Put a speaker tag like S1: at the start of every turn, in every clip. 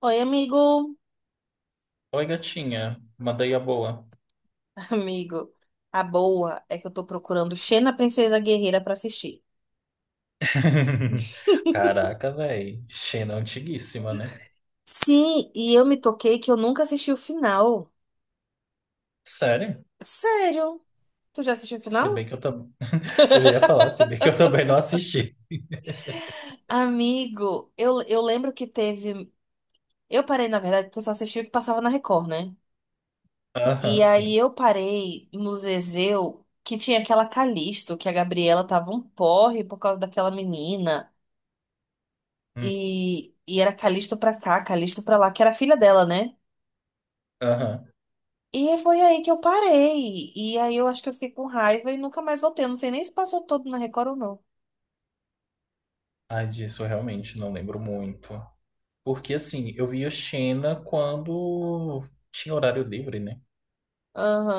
S1: Oi, amigo.
S2: Oi, gatinha. Mandei a boa.
S1: Amigo, a boa é que eu tô procurando Xena Princesa Guerreira pra assistir.
S2: Caraca, velho. Xena é antiguíssima, né?
S1: Sim, e eu me toquei que eu nunca assisti o final.
S2: Sério?
S1: Sério? Tu já assistiu o
S2: Se
S1: final?
S2: bem que eu também. Eu já ia falar, se bem que eu também não assisti.
S1: Amigo, eu lembro que teve. Eu parei, na verdade, porque eu só assisti o que passava na Record, né?
S2: Aham,
S1: E aí
S2: sim.
S1: eu parei no Zezéu, que tinha aquela Calisto, que a Gabriela tava um porre por causa daquela menina.
S2: Hum.
S1: E era Calisto pra cá, Calisto pra lá, que era a filha dela, né?
S2: Aham.
S1: E foi aí que eu parei. E aí eu acho que eu fiquei com raiva e nunca mais voltei. Eu não sei nem se passou todo na Record ou não.
S2: Ai, disso eu realmente não lembro muito. Porque, assim, eu via Xena quando tinha horário livre, né?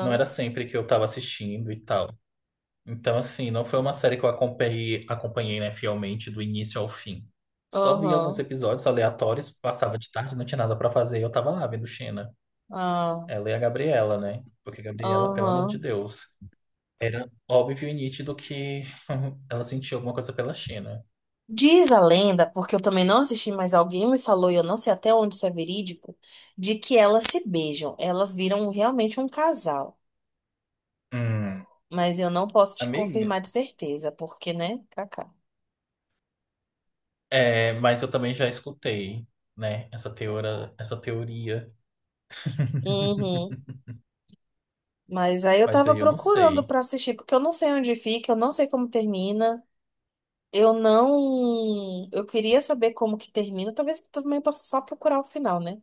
S2: Não era sempre que eu tava assistindo e tal. Então, assim, não foi uma série que eu acompanhei, acompanhei, né, fielmente do início ao fim. Só vi alguns
S1: aham,
S2: episódios aleatórios, passava de tarde, não tinha nada pra fazer, e eu tava lá vendo Xena.
S1: ah,
S2: Ela e a Gabriela, né? Porque a Gabriela, pelo amor de
S1: aham.
S2: Deus, era óbvio e nítido que ela sentia alguma coisa pela Xena.
S1: Diz a lenda, porque eu também não assisti, mas alguém me falou, e eu não sei até onde isso é verídico, de que elas se beijam. Elas viram realmente um casal.
S2: Hum,
S1: Mas eu não posso te
S2: amiga,
S1: confirmar de certeza, porque, né, Kaká.
S2: é, mas eu também já escutei, né, essa teoria,
S1: Uhum. Mas aí eu
S2: mas
S1: tava
S2: aí eu não
S1: procurando
S2: sei.
S1: pra assistir, porque eu não sei onde fica, eu não sei como termina. Eu não. Eu queria saber como que termina. Talvez eu também possa só procurar o final, né?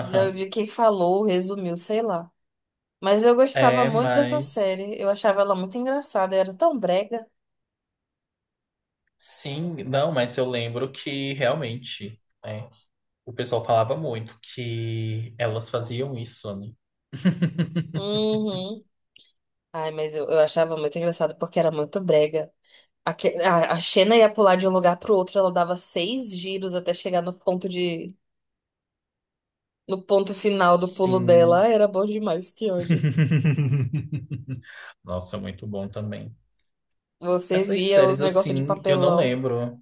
S1: De de quem falou, resumiu, sei lá. Mas eu gostava
S2: É,
S1: muito dessa
S2: mas
S1: série. Eu achava ela muito engraçada. Era tão brega.
S2: sim, não, mas eu lembro que realmente, né, o pessoal falava muito que elas faziam isso, né?
S1: Uhum. Ai, mas eu achava muito engraçado porque era muito brega. A Xena ia pular de um lugar pro outro. Ela dava seis giros até chegar no ponto de. No ponto final do pulo dela.
S2: Sim.
S1: Ai, era bom demais, que ódio.
S2: Nossa, muito bom também.
S1: Você
S2: Essas
S1: via os
S2: séries,
S1: negócios de
S2: assim, eu não
S1: papelão.
S2: lembro.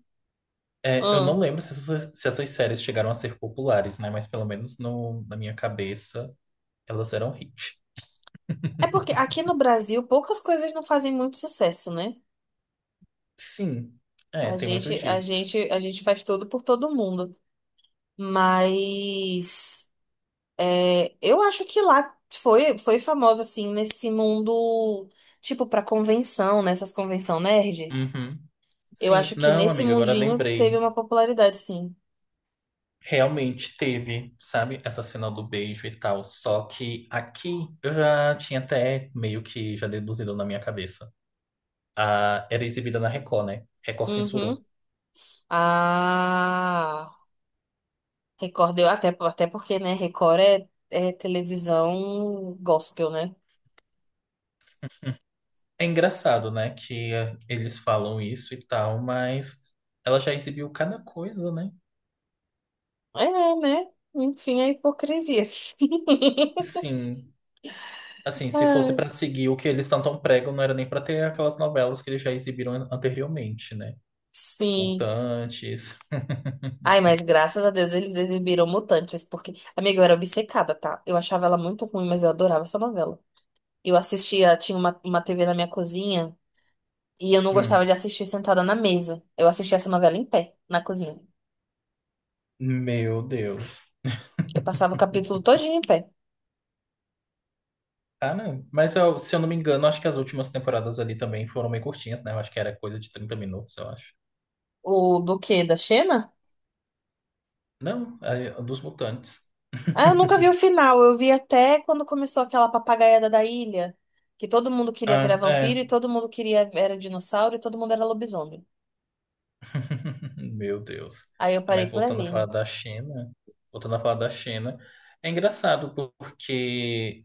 S2: É, eu não lembro se essas séries chegaram a ser populares, né? Mas pelo menos no, na minha cabeça, elas eram hit.
S1: É porque aqui no Brasil poucas coisas não fazem muito sucesso, né?
S2: Sim, é,
S1: A
S2: tem muito
S1: gente, a
S2: disso.
S1: gente, a gente faz tudo por todo mundo. Mas é, eu acho que lá foi, foi famosa, assim, nesse mundo, tipo, pra convenção, nessas convenção nerd.
S2: Uhum.
S1: Eu
S2: Sim,
S1: acho que
S2: não,
S1: nesse
S2: amiga, agora
S1: mundinho teve
S2: lembrei.
S1: uma popularidade, sim.
S2: Realmente teve, sabe, essa cena do beijo e tal. Só que aqui eu já tinha até meio que já deduzido na minha cabeça. Ah, era exibida na Record, né? Record
S1: Uhum.
S2: censurou.
S1: Ah, Record, até, até porque, né, Record é, é televisão gospel, né?
S2: É engraçado, né, que eles falam isso e tal, mas ela já exibiu cada coisa, né?
S1: É, né? Enfim, a hipocrisia.
S2: Sim. Assim, se fosse
S1: Ai,
S2: pra seguir o que eles tanto pregam, não era nem pra ter aquelas novelas que eles já exibiram anteriormente, né?
S1: Sim.
S2: Mutantes.
S1: Ai, mas graças a Deus eles exibiram Mutantes, porque, amiga, eu era obcecada, tá? Eu achava ela muito ruim, mas eu adorava essa novela. Eu assistia, tinha uma TV na minha cozinha, e eu não gostava
S2: Hum.
S1: de assistir sentada na mesa. Eu assistia essa novela em pé, na cozinha.
S2: Meu Deus.
S1: Eu passava o capítulo todinho em pé.
S2: Cara, mas se eu não me engano, acho que as últimas temporadas ali também foram meio curtinhas, né? Eu acho que era coisa de 30 minutos, eu acho.
S1: O do quê? Da Xena?
S2: Não, é, dos mutantes.
S1: Ah, eu nunca vi o final. Eu vi até quando começou aquela papagaiada da ilha, que todo mundo queria virar
S2: Ah, é.
S1: vampiro e todo mundo queria era dinossauro e todo mundo era lobisomem.
S2: Meu Deus.
S1: Aí eu parei
S2: Mas
S1: por
S2: voltando a falar
S1: ali.
S2: da China, voltando a falar da China, é engraçado porque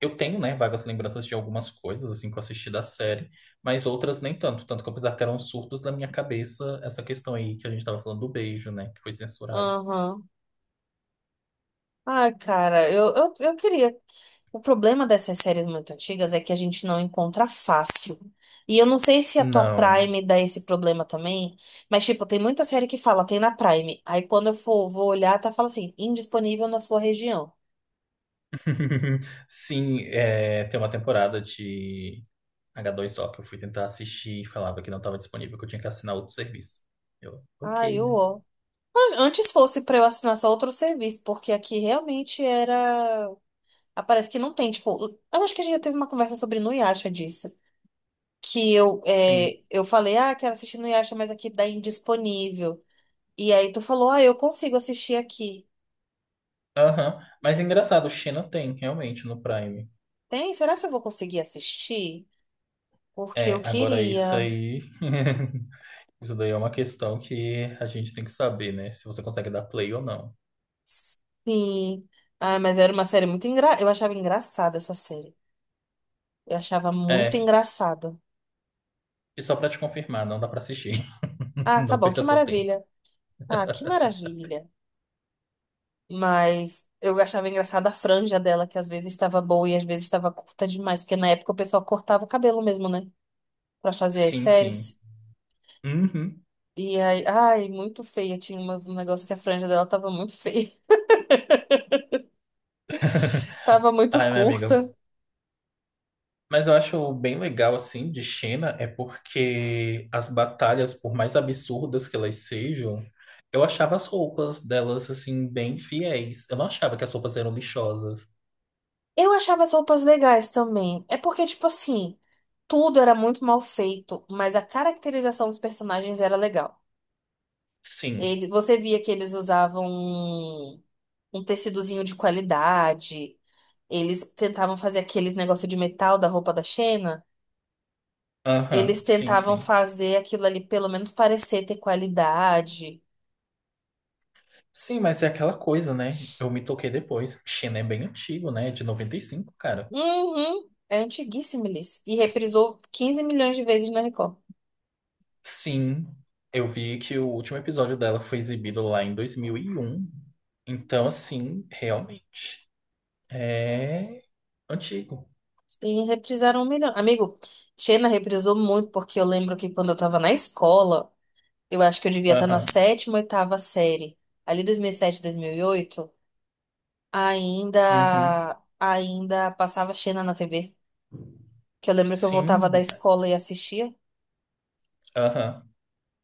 S2: eu tenho, né, vagas lembranças de algumas coisas assim que eu assisti da série, mas outras nem tanto, tanto que eu pensava que eram surtos na minha cabeça essa questão aí que a gente tava falando do beijo, né, que foi censurado.
S1: Aham. Ai, cara, eu queria. O problema dessas séries muito antigas é que a gente não encontra fácil. E eu não sei se a tua
S2: Não.
S1: Prime dá esse problema também, mas, tipo, tem muita série que fala, tem na Prime. Aí quando eu for, vou olhar, tá fala assim, indisponível na sua região.
S2: Sim, é, tem uma temporada de H2O que eu fui tentar assistir e falava que não estava disponível, que eu tinha que assinar outro serviço. Eu,
S1: Ai,
S2: ok, né?
S1: eu. Antes fosse pra eu assinar só outro serviço, porque aqui realmente era. Ah, parece que não tem, tipo, eu acho que a gente já teve uma conversa sobre Nuyasha disso. Que eu,
S2: Sim,
S1: é, eu falei, ah, quero assistir Nuyasha, mas aqui dá indisponível. E aí tu falou, ah, eu consigo assistir aqui.
S2: aham. Mas engraçado, Xena tem, realmente, no Prime.
S1: Tem? Será que eu vou conseguir assistir? Porque eu
S2: É, agora isso
S1: queria.
S2: aí. Isso daí é uma questão que a gente tem que saber, né? Se você consegue dar play ou não.
S1: Sim. Ah, mas era uma série muito engra... Eu achava engraçada essa série. Eu achava muito
S2: É,
S1: engraçada.
S2: e só pra te confirmar, não dá pra assistir.
S1: Ah, tá
S2: Não
S1: bom,
S2: perca
S1: que
S2: seu tempo.
S1: maravilha. Ah, que maravilha. Mas eu achava engraçada a franja dela, que às vezes estava boa e às vezes estava curta demais, porque na época o pessoal cortava o cabelo mesmo, né? Pra fazer as
S2: Sim, sim.
S1: séries.
S2: Uhum.
S1: E aí, ai, muito feia. Tinha umas, um negócio que a franja dela tava muito feia, tava muito
S2: Ai, minha amiga,
S1: curta.
S2: mas eu acho bem legal, assim, de China é porque as batalhas, por mais absurdas que elas sejam, eu achava as roupas delas, assim, bem fiéis. Eu não achava que as roupas eram lixosas.
S1: Eu achava as roupas legais também. É porque, tipo assim, tudo era muito mal feito, mas a caracterização dos personagens era legal.
S2: Sim.
S1: Ele, você via que eles usavam um tecidozinho de qualidade. Eles tentavam fazer aqueles negócio de metal da roupa da Xena.
S2: Aham,
S1: Eles
S2: sim,
S1: tentavam
S2: sim.
S1: fazer aquilo ali, pelo menos parecer ter qualidade.
S2: Sim, mas é aquela coisa, né? Eu me toquei depois. China é bem antigo, né? De 95 cara.
S1: Uhum. É antiguíssimo, Liz. E reprisou 15 milhões de vezes na Record.
S2: Sim, eu vi que o último episódio dela foi exibido lá em 2001. Então, assim, realmente, é antigo.
S1: E reprisaram um milhão. Amigo, Xena reprisou muito, porque eu lembro que quando eu tava na escola, eu acho que eu devia estar na
S2: Aham.
S1: sétima, oitava série. Ali 2007, 2008,
S2: Uhum.
S1: ainda passava Xena na TV. Que eu lembro que eu voltava
S2: Sim,
S1: da escola e assistia.
S2: aham.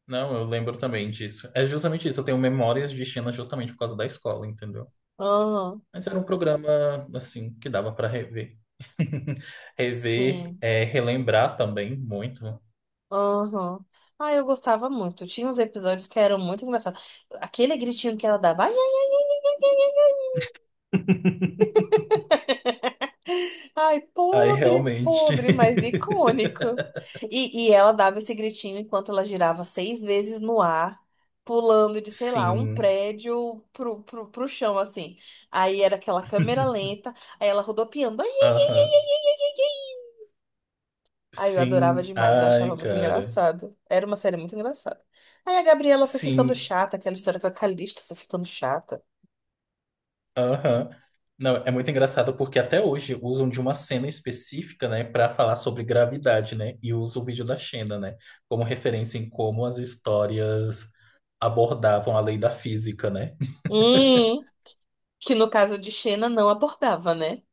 S2: Não, eu lembro também disso. É justamente isso, eu tenho memórias de China justamente por causa da escola, entendeu?
S1: Aham,
S2: Mas era um programa, assim, que dava para rever. Rever,
S1: sim.
S2: é, relembrar também muito.
S1: Aham. Ah, eu gostava muito. Tinha uns episódios que eram muito engraçados. Aquele gritinho que ela dava. Ai, ai, ai, ai, ai, ai, ai. Ai, ai,
S2: Aí
S1: podre,
S2: realmente.
S1: podre, mas icônico. E ela dava esse gritinho enquanto ela girava seis vezes no ar, pulando de, sei lá, um
S2: Sim.
S1: prédio pro chão, assim. Aí era aquela câmera lenta, aí ela rodopiando. Ai, ai, ai,
S2: Aham.
S1: ai, ai, ai, ai, ai. Ai. Ai, eu adorava
S2: Sim.
S1: demais, eu achava
S2: Ai,
S1: muito
S2: cara.
S1: engraçado. Era uma série muito engraçada. Aí a Gabriela foi ficando
S2: Sim.
S1: chata, aquela história com a Calista foi ficando chata.
S2: Aham. Não, é muito engraçado porque até hoje usam de uma cena específica, né, para falar sobre gravidade, né? E usam o vídeo da Xena, né, como referência em como as histórias abordavam a lei da física, né?
S1: Hum, que no caso de Xena não abordava, né?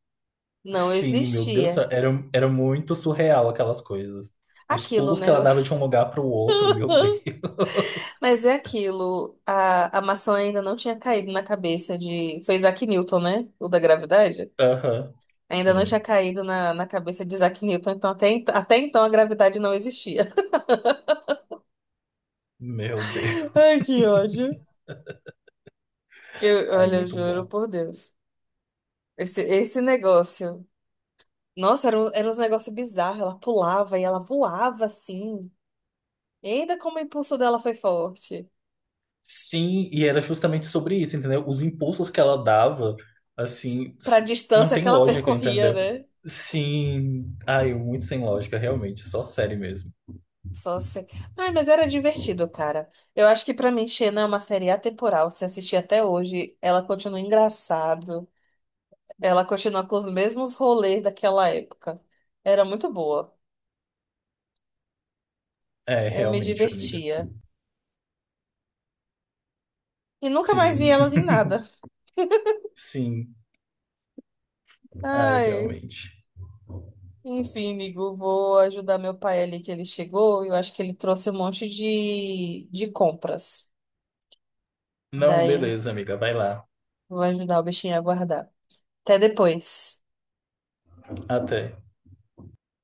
S1: Não
S2: Sim, meu Deus, do
S1: existia.
S2: céu, era muito surreal aquelas coisas. Os
S1: Aquilo,
S2: pulos que
S1: né?
S2: ela dava de um lugar para o outro, meu Deus.
S1: Mas é aquilo. A maçã ainda não tinha caído na cabeça de. Foi Isaac Newton, né? O da gravidade?
S2: Aham.
S1: Ainda não tinha
S2: Sim.
S1: caído na, na cabeça de Isaac Newton, então até, até então a gravidade não existia.
S2: Meu Deus.
S1: Ai, que ódio. Que,
S2: Aí,
S1: olha, eu
S2: muito
S1: juro
S2: bom.
S1: por Deus. Esse negócio. Nossa, era, era uns negócios bizarros. Ela pulava e ela voava assim. E ainda como o impulso dela foi forte.
S2: Sim, e era justamente sobre isso, entendeu? Os impulsos que ela dava, assim,
S1: Pra
S2: não
S1: distância
S2: tem
S1: que ela
S2: lógica,
S1: percorria,
S2: entendeu?
S1: né?
S2: Sim, ai, muito sem lógica, realmente, só série mesmo.
S1: Só assim. Ai, mas era divertido, cara. Eu acho que pra mim, Xena é uma série atemporal. Se assistir até hoje, ela continua engraçado. Ela continua com os mesmos rolês daquela época. Era muito boa.
S2: É,
S1: Eu me
S2: realmente, amiga.
S1: divertia. E nunca mais vi
S2: Sim,
S1: elas em nada.
S2: sim, ai,
S1: Ai.
S2: realmente.
S1: Enfim, amigo, vou ajudar meu pai ali que ele chegou. Eu acho que ele trouxe um monte de compras.
S2: Não,
S1: Daí,
S2: beleza, amiga, vai lá.
S1: vou ajudar o bichinho a guardar. Até depois.
S2: Até.